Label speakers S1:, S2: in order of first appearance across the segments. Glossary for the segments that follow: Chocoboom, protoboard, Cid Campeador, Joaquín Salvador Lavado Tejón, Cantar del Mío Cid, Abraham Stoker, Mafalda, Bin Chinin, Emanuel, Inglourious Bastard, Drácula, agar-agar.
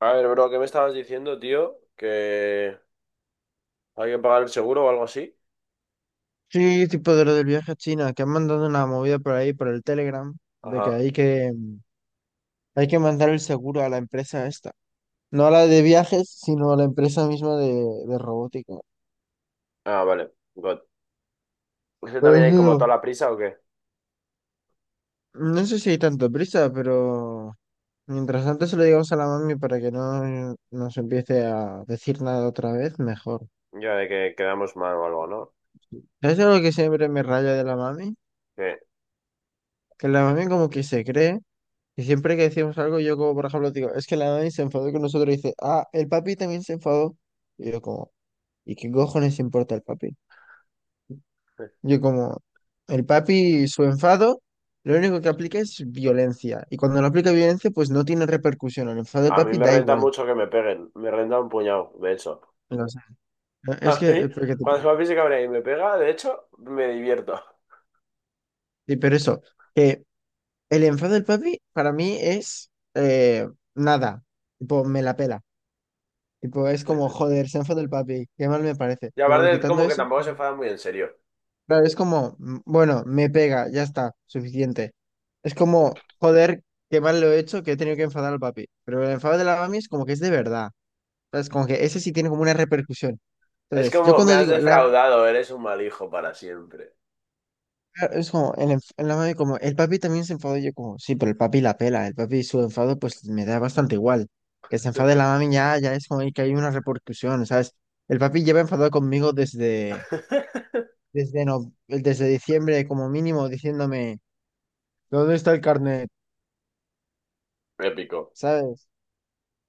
S1: A ver, bro, ¿qué me estabas diciendo, tío? ¿Que hay que pagar el seguro o algo así?
S2: Sí, tipo de lo del viaje a China, que han mandado una movida por ahí, por el Telegram, de que
S1: Ajá.
S2: hay que mandar el seguro a la empresa esta. No a la de viajes, sino a la empresa misma de robótica.
S1: Ah, vale. God. ¿Usted
S2: Pero
S1: también hay como
S2: eso,
S1: toda la prisa o qué?
S2: no sé si hay tanto prisa, pero mientras tanto se lo digamos a la mami para que no nos empiece a decir nada otra vez, mejor.
S1: Ya de que quedamos mal o algo, ¿no?
S2: Es algo que siempre me raya de la mami,
S1: Que
S2: que la mami como que se cree. Y siempre que decimos algo, yo como, por ejemplo, digo, es que la Dani se enfadó con nosotros y dice, ah, el papi también se enfadó. Y yo como, ¿y qué cojones importa el papi? Yo como, el papi, su enfado, lo único que aplica es violencia. Y cuando no aplica violencia, pues no tiene repercusión. El enfado del
S1: a mí
S2: papi
S1: me
S2: da
S1: renta
S2: igual.
S1: mucho que me peguen. Me renta un puñado, de hecho.
S2: O sea, no,
S1: A
S2: es que,
S1: mí,
S2: porque
S1: cuando papi se cabrea y me pega, de hecho, me divierto.
S2: sí, pero eso, que el enfado del papi para mí es nada. Tipo, me la pela. Tipo, es como, joder, se enfadó el papi, qué mal me parece.
S1: Y
S2: Pero
S1: aparte,
S2: quitando
S1: como que
S2: eso,
S1: tampoco se enfada muy en serio.
S2: claro, es como, mm, bueno, me pega, ya está, suficiente. Es como, joder, qué mal lo he hecho, que he tenido que enfadar al papi. Pero el enfado de la mami es como que es de verdad. ¿Sabes? Como que ese sí tiene como una repercusión.
S1: Es
S2: Entonces, yo
S1: como, me
S2: cuando
S1: has defraudado, eres un mal hijo para siempre.
S2: es como, la mami como, el papi también se enfadó, y yo como, sí, pero el papi la pela, el papi su enfado pues me da bastante igual. Que se enfade la mami ya, ya es como que hay una repercusión, ¿sabes? El papi lleva enfadado conmigo desde, desde, no, desde diciembre como mínimo, diciéndome... ¿Dónde está el carnet?
S1: Épico.
S2: ¿Sabes?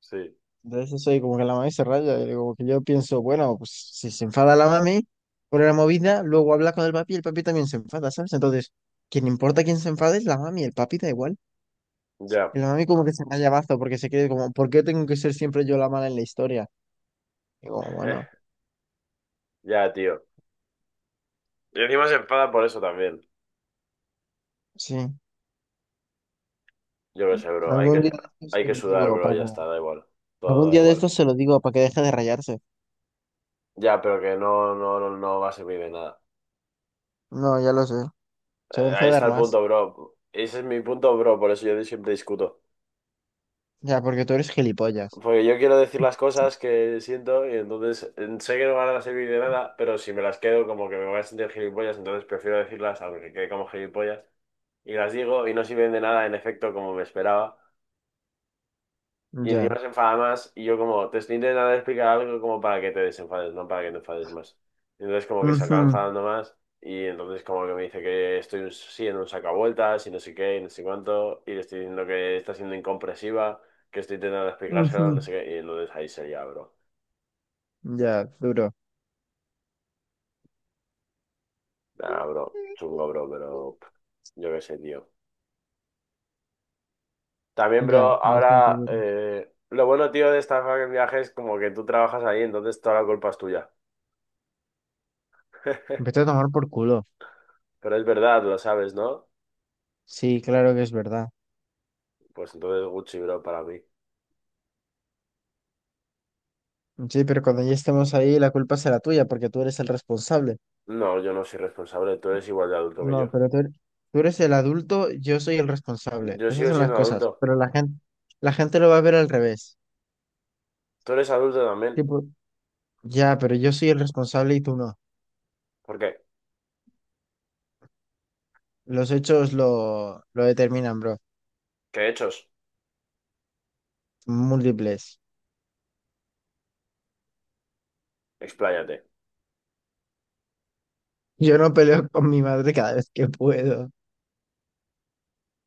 S1: Sí.
S2: Entonces soy como que la mami se raya, y digo porque yo pienso, bueno, pues si se enfada la mami por la movida, luego habla con el papi y el papi también se enfada, ¿sabes? Entonces, quien importa quién se enfade es la mami, el papi da igual. Y
S1: Ya.
S2: la mami como que se raya mazo porque se cree como, ¿por qué tengo que ser siempre yo la mala en la historia? Digo bueno,
S1: Ya, tío. Y encima se enfada por eso también.
S2: sí,
S1: Yo qué sé, bro.
S2: algún día de estos
S1: Hay
S2: se
S1: que
S2: lo
S1: sudar,
S2: digo, a
S1: bro. Ya
S2: Paco.
S1: está, da igual. Todo
S2: Algún
S1: da
S2: día de
S1: igual.
S2: estos se lo digo para que deje de rayarse.
S1: Ya, pero que no, no, no, no va a servir de nada.
S2: No, ya lo sé. Se va a
S1: Ahí
S2: enfadar
S1: está el
S2: más.
S1: punto, bro. Ese es mi punto, bro. Por eso yo siempre discuto.
S2: Ya, porque tú eres gilipollas.
S1: Porque yo quiero decir las cosas que siento y entonces sé que no van a servir de nada, pero si me las quedo como que me voy a sentir gilipollas, entonces prefiero decirlas aunque quede como gilipollas. Y las digo y no sirven de nada, en efecto, como me esperaba. Y
S2: Ya.
S1: encima se enfada más. Y yo como, te estoy intentando explicar algo como para que te desenfades, no para que te enfades más. Y entonces como que se acaba
S2: Ujú,
S1: enfadando más. Y entonces como que me dice que siendo un sacavueltas y no sé qué y no sé cuánto. Y le estoy diciendo que está siendo incomprensiva, que estoy intentando explicárselo,
S2: ujú.
S1: no sé qué. Y entonces ahí sería, bro.
S2: Ya, duro.
S1: Nah, bro. Chungo, bro, pero pff, yo qué sé, tío. También,
S2: Ya,
S1: bro,
S2: bastante
S1: ahora...
S2: duro.
S1: lo bueno, tío, de esta fucking viaje es como que tú trabajas ahí, entonces toda la culpa es tuya.
S2: Vete a tomar por culo.
S1: Pero es verdad, lo sabes, ¿no?
S2: Sí, claro que es verdad.
S1: Pues entonces Gucci Bro para mí.
S2: Sí, pero cuando ya estemos ahí, la culpa será tuya porque tú eres el responsable.
S1: No, yo no soy responsable, tú eres igual de adulto que
S2: No,
S1: yo.
S2: pero tú eres el adulto, yo soy el responsable.
S1: Yo
S2: Esas
S1: sigo
S2: son las
S1: siendo
S2: cosas.
S1: adulto.
S2: Pero la gente lo va a ver al revés.
S1: Tú eres adulto también.
S2: Tipo, ya, pero yo soy el responsable y tú no.
S1: ¿Por qué?
S2: Los hechos lo determinan, bro.
S1: ¿Qué hechos?
S2: Múltiples.
S1: Expláyate.
S2: Yo no peleo con mi madre cada vez que puedo.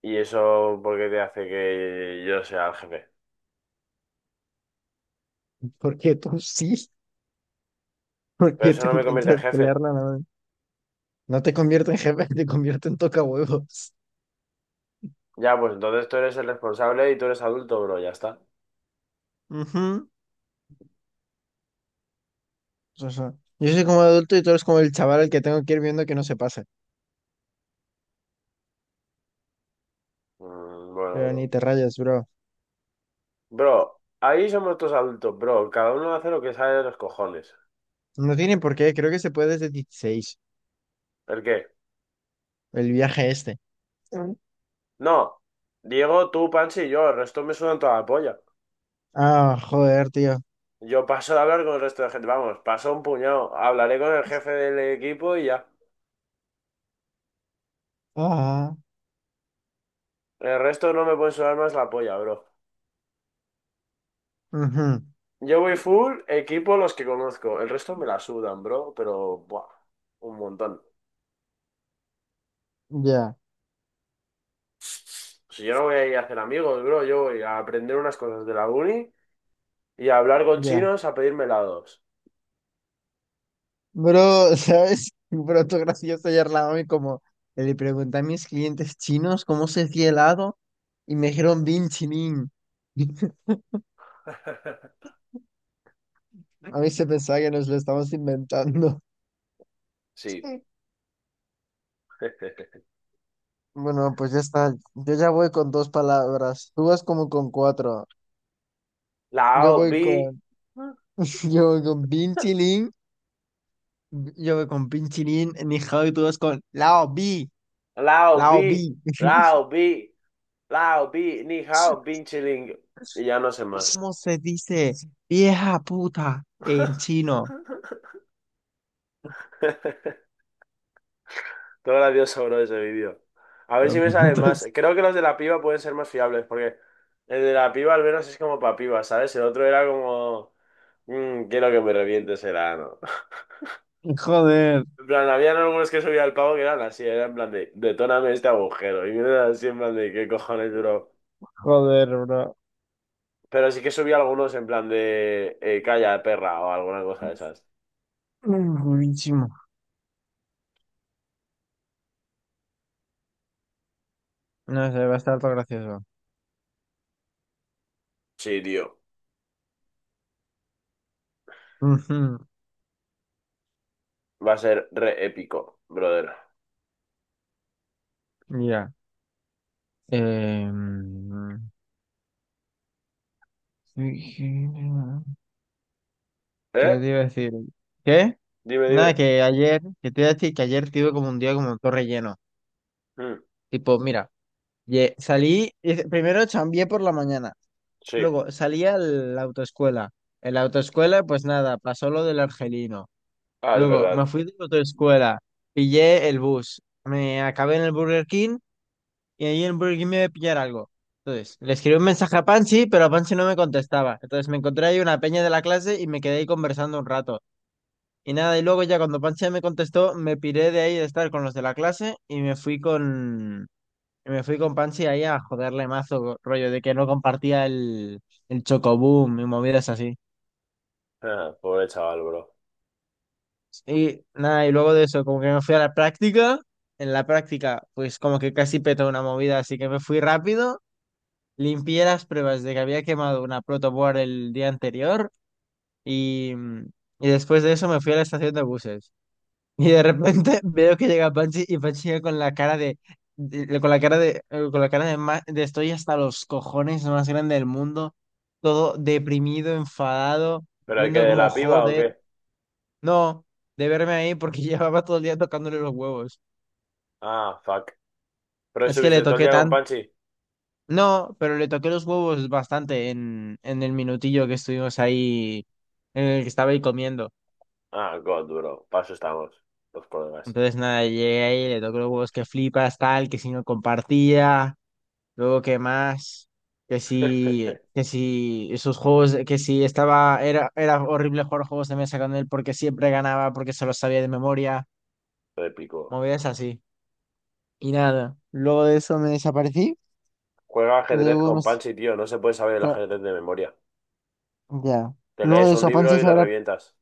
S1: ¿Y eso por qué te hace que yo sea el jefe?
S2: Porque tú sí.
S1: Pero
S2: Porque
S1: eso
S2: tú
S1: no me convierte en
S2: intentas
S1: jefe.
S2: pelearla. No te convierte en jefe, te convierte en tocahuevos.
S1: Ya, pues entonces tú eres el responsable y tú eres adulto, bro, ya está.
S2: Ujú. O sea, yo soy como adulto y tú eres como el chaval al que tengo que ir viendo que no se pase.
S1: Mm, bueno,
S2: Pero ni
S1: bro.
S2: te rayas, bro.
S1: Bro, ahí somos todos adultos, bro. Cada uno hace lo que sale de los cojones.
S2: No tiene por qué, creo que se puede desde 16.
S1: ¿El qué?
S2: El viaje este. Mm.
S1: No. Diego, tú, Panchi y yo, el resto me sudan toda la polla.
S2: Ah, joder, tío.
S1: Yo paso de hablar con el resto de gente, vamos, paso un puñado. Hablaré con el jefe del equipo y ya.
S2: Ah,
S1: El resto no me puede sudar más la polla, bro.
S2: ujú.
S1: Yo voy full equipo los que conozco. El resto me la sudan, bro, pero buah, un montón.
S2: Ya,
S1: Si yo no voy a ir a hacer amigos, bro, yo voy a aprender unas cosas de la uni y a hablar con
S2: ya.
S1: chinos a pedirme helados.
S2: Bro, ¿sabes? Bro, tú gracioso ayer la mami como le pregunté a mis clientes chinos cómo se hacía helado y me dijeron Bin Chinin. A mí se pensaba que nos lo estamos inventando.
S1: Sí.
S2: Sí. Bueno, pues ya está. Yo ya voy con dos palabras. Tú vas como con cuatro. Yo
S1: Lao
S2: voy
S1: bi,
S2: con. Yo voy con pinchilín. Yo voy con pinchilín. Ni hao, y tú vas con lao bi.
S1: lao
S2: Lao
S1: bi,
S2: bi.
S1: lao bi, lao bi, ni hao, bin chiling. Y ya no sé más.
S2: ¿Cómo se dice vieja puta en chino?
S1: Todo gracioso, bro, ese vídeo. A ver si me salen más.
S2: Entonces,
S1: Creo que los de la piba pueden ser más fiables, porque el de la piba al menos es como pa' piba, ¿sabes? El otro era como, "Mm, quiero que me revientes el ano.
S2: joder,
S1: En plan, habían algunos que subía el pavo que eran así, era en plan de, detóname este agujero. Y eran así en plan de, ¿qué cojones, bro?
S2: joder, bro.
S1: Pero sí que subía algunos en plan de, calla, perra, o alguna cosa de esas.
S2: Mm, buenísimo. No sé, va a estar todo gracioso.
S1: Sí, tío.
S2: Ujú,
S1: Va a ser re épico, brother.
S2: ya. Em, ¿Qué
S1: ¿Eh?
S2: te iba a decir? ¿Qué?
S1: Dime,
S2: Nada,
S1: dime.
S2: que ayer, que te iba a decir que ayer tuve como un día como todo relleno.
S1: Mm,
S2: Tipo, mira, primero chambié por la mañana,
S1: sí.
S2: luego salí a la autoescuela. En la autoescuela, pues nada, pasó lo del argelino.
S1: Ah, es
S2: Luego me
S1: verdad.
S2: fui de la autoescuela, pillé el bus, me acabé en el Burger King y ahí en el Burger King me iba a pillar algo. Entonces, le escribí un mensaje a Panchi, pero a Panchi no me contestaba. Entonces me encontré ahí una peña de la clase y me quedé ahí conversando un rato. Y nada, y luego ya cuando Pancha me contestó, me piré de ahí de estar con los de la clase y me fui con Panchi ahí a joderle mazo, rollo de que no compartía el Chocoboom y movidas así.
S1: Ah, pobre chaval, bro.
S2: Y nada, y luego de eso, como que me fui a la práctica, en la práctica, pues como que casi petó una movida, así que me fui rápido, limpié las pruebas de que había quemado una protoboard el día anterior y, y después de eso me fui a la estación de buses. Y de repente veo que llega Panchi y Panchi llega con la cara con la cara con la cara de, de estoy hasta los cojones más grande del mundo, todo deprimido, enfadado,
S1: ¿Pero el que
S2: viendo
S1: de
S2: como
S1: la piba o
S2: joder,
S1: qué?
S2: no, de verme ahí porque llevaba todo el día tocándole los huevos.
S1: Ah, fuck. ¿Pero
S2: Es que le
S1: estuviste todo el
S2: toqué
S1: día con
S2: tan,
S1: Panchi?
S2: no, pero le toqué los huevos bastante en el minutillo que estuvimos ahí, en el que estaba ahí comiendo.
S1: Ah, God, bro. Paso estamos. Los problemas.
S2: Entonces nada, llegué ahí, le toqué los huevos que flipas, tal, que si no compartía. Luego, ¿qué más? Que si esos juegos, que si estaba, era, era horrible jugar juegos de mesa con él porque siempre ganaba, porque se los sabía de memoria,
S1: Lo De pico.
S2: movidas así. Y nada, luego de eso me desaparecí.
S1: Juega ajedrez
S2: Luego me...
S1: con
S2: s-
S1: Panchi, tío. No se puede saber el
S2: ta-
S1: ajedrez de memoria.
S2: Ya.
S1: Te
S2: Luego
S1: lees
S2: de
S1: un
S2: eso,
S1: libro
S2: Panchis
S1: y le
S2: ahora...
S1: revientas.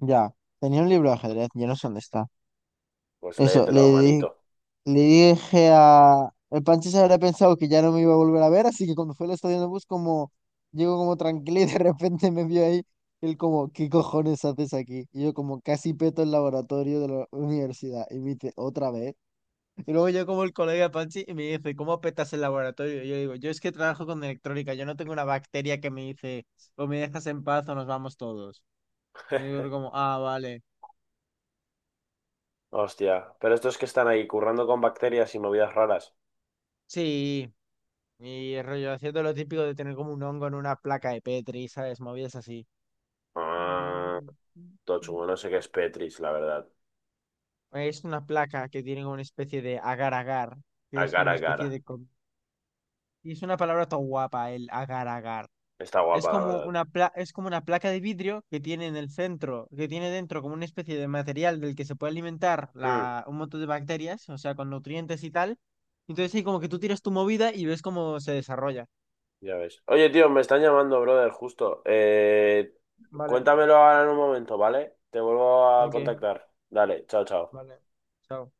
S2: Ya. Tenía un libro de ajedrez, ya no sé dónde está.
S1: Pues
S2: Eso,
S1: léetelo, manito.
S2: le dije a... El Pancho se habría pensado que ya no me iba a volver a ver, así que cuando fue al estadio de bus, como... Llego como tranquilo y de repente me vio ahí. Él como, ¿qué cojones haces aquí? Y yo como casi peto el laboratorio de la universidad. Y me dice, ¿otra vez? Y luego yo como el colega Panchi y me dice, ¿cómo petas el laboratorio? Y yo digo, yo es que trabajo con electrónica, yo no tengo una bacteria que me dice, o me dejas en paz o nos vamos todos. Y yo digo como, ah, vale,
S1: Hostia. Pero estos que están ahí currando con bacterias y movidas raras.
S2: sí. Y el rollo haciendo lo típico de tener como un hongo en una placa de Petri, ¿sabes? Movidas así.
S1: Ah, todo chungo. No sé qué es Petris, la verdad.
S2: Es una placa que tiene como una especie de agar-agar, que
S1: A
S2: es como
S1: cara
S2: una
S1: a
S2: especie
S1: cara.
S2: de... y es una palabra tan guapa, el agar-agar.
S1: Está
S2: Es
S1: guapa, la
S2: como
S1: verdad.
S2: una es como una placa de vidrio que tiene en el centro, que tiene dentro como una especie de material del que se puede alimentar
S1: Hmm.
S2: la... un montón de bacterias, o sea, con nutrientes y tal. Entonces ahí como que tú tiras tu movida y ves cómo se desarrolla.
S1: Ya ves. Oye, tío, me están llamando, brother, justo.
S2: Vale,
S1: Cuéntamelo ahora en un momento, ¿vale? Te vuelvo a
S2: ok,
S1: contactar. Dale, chao, chao.
S2: vale. Chao.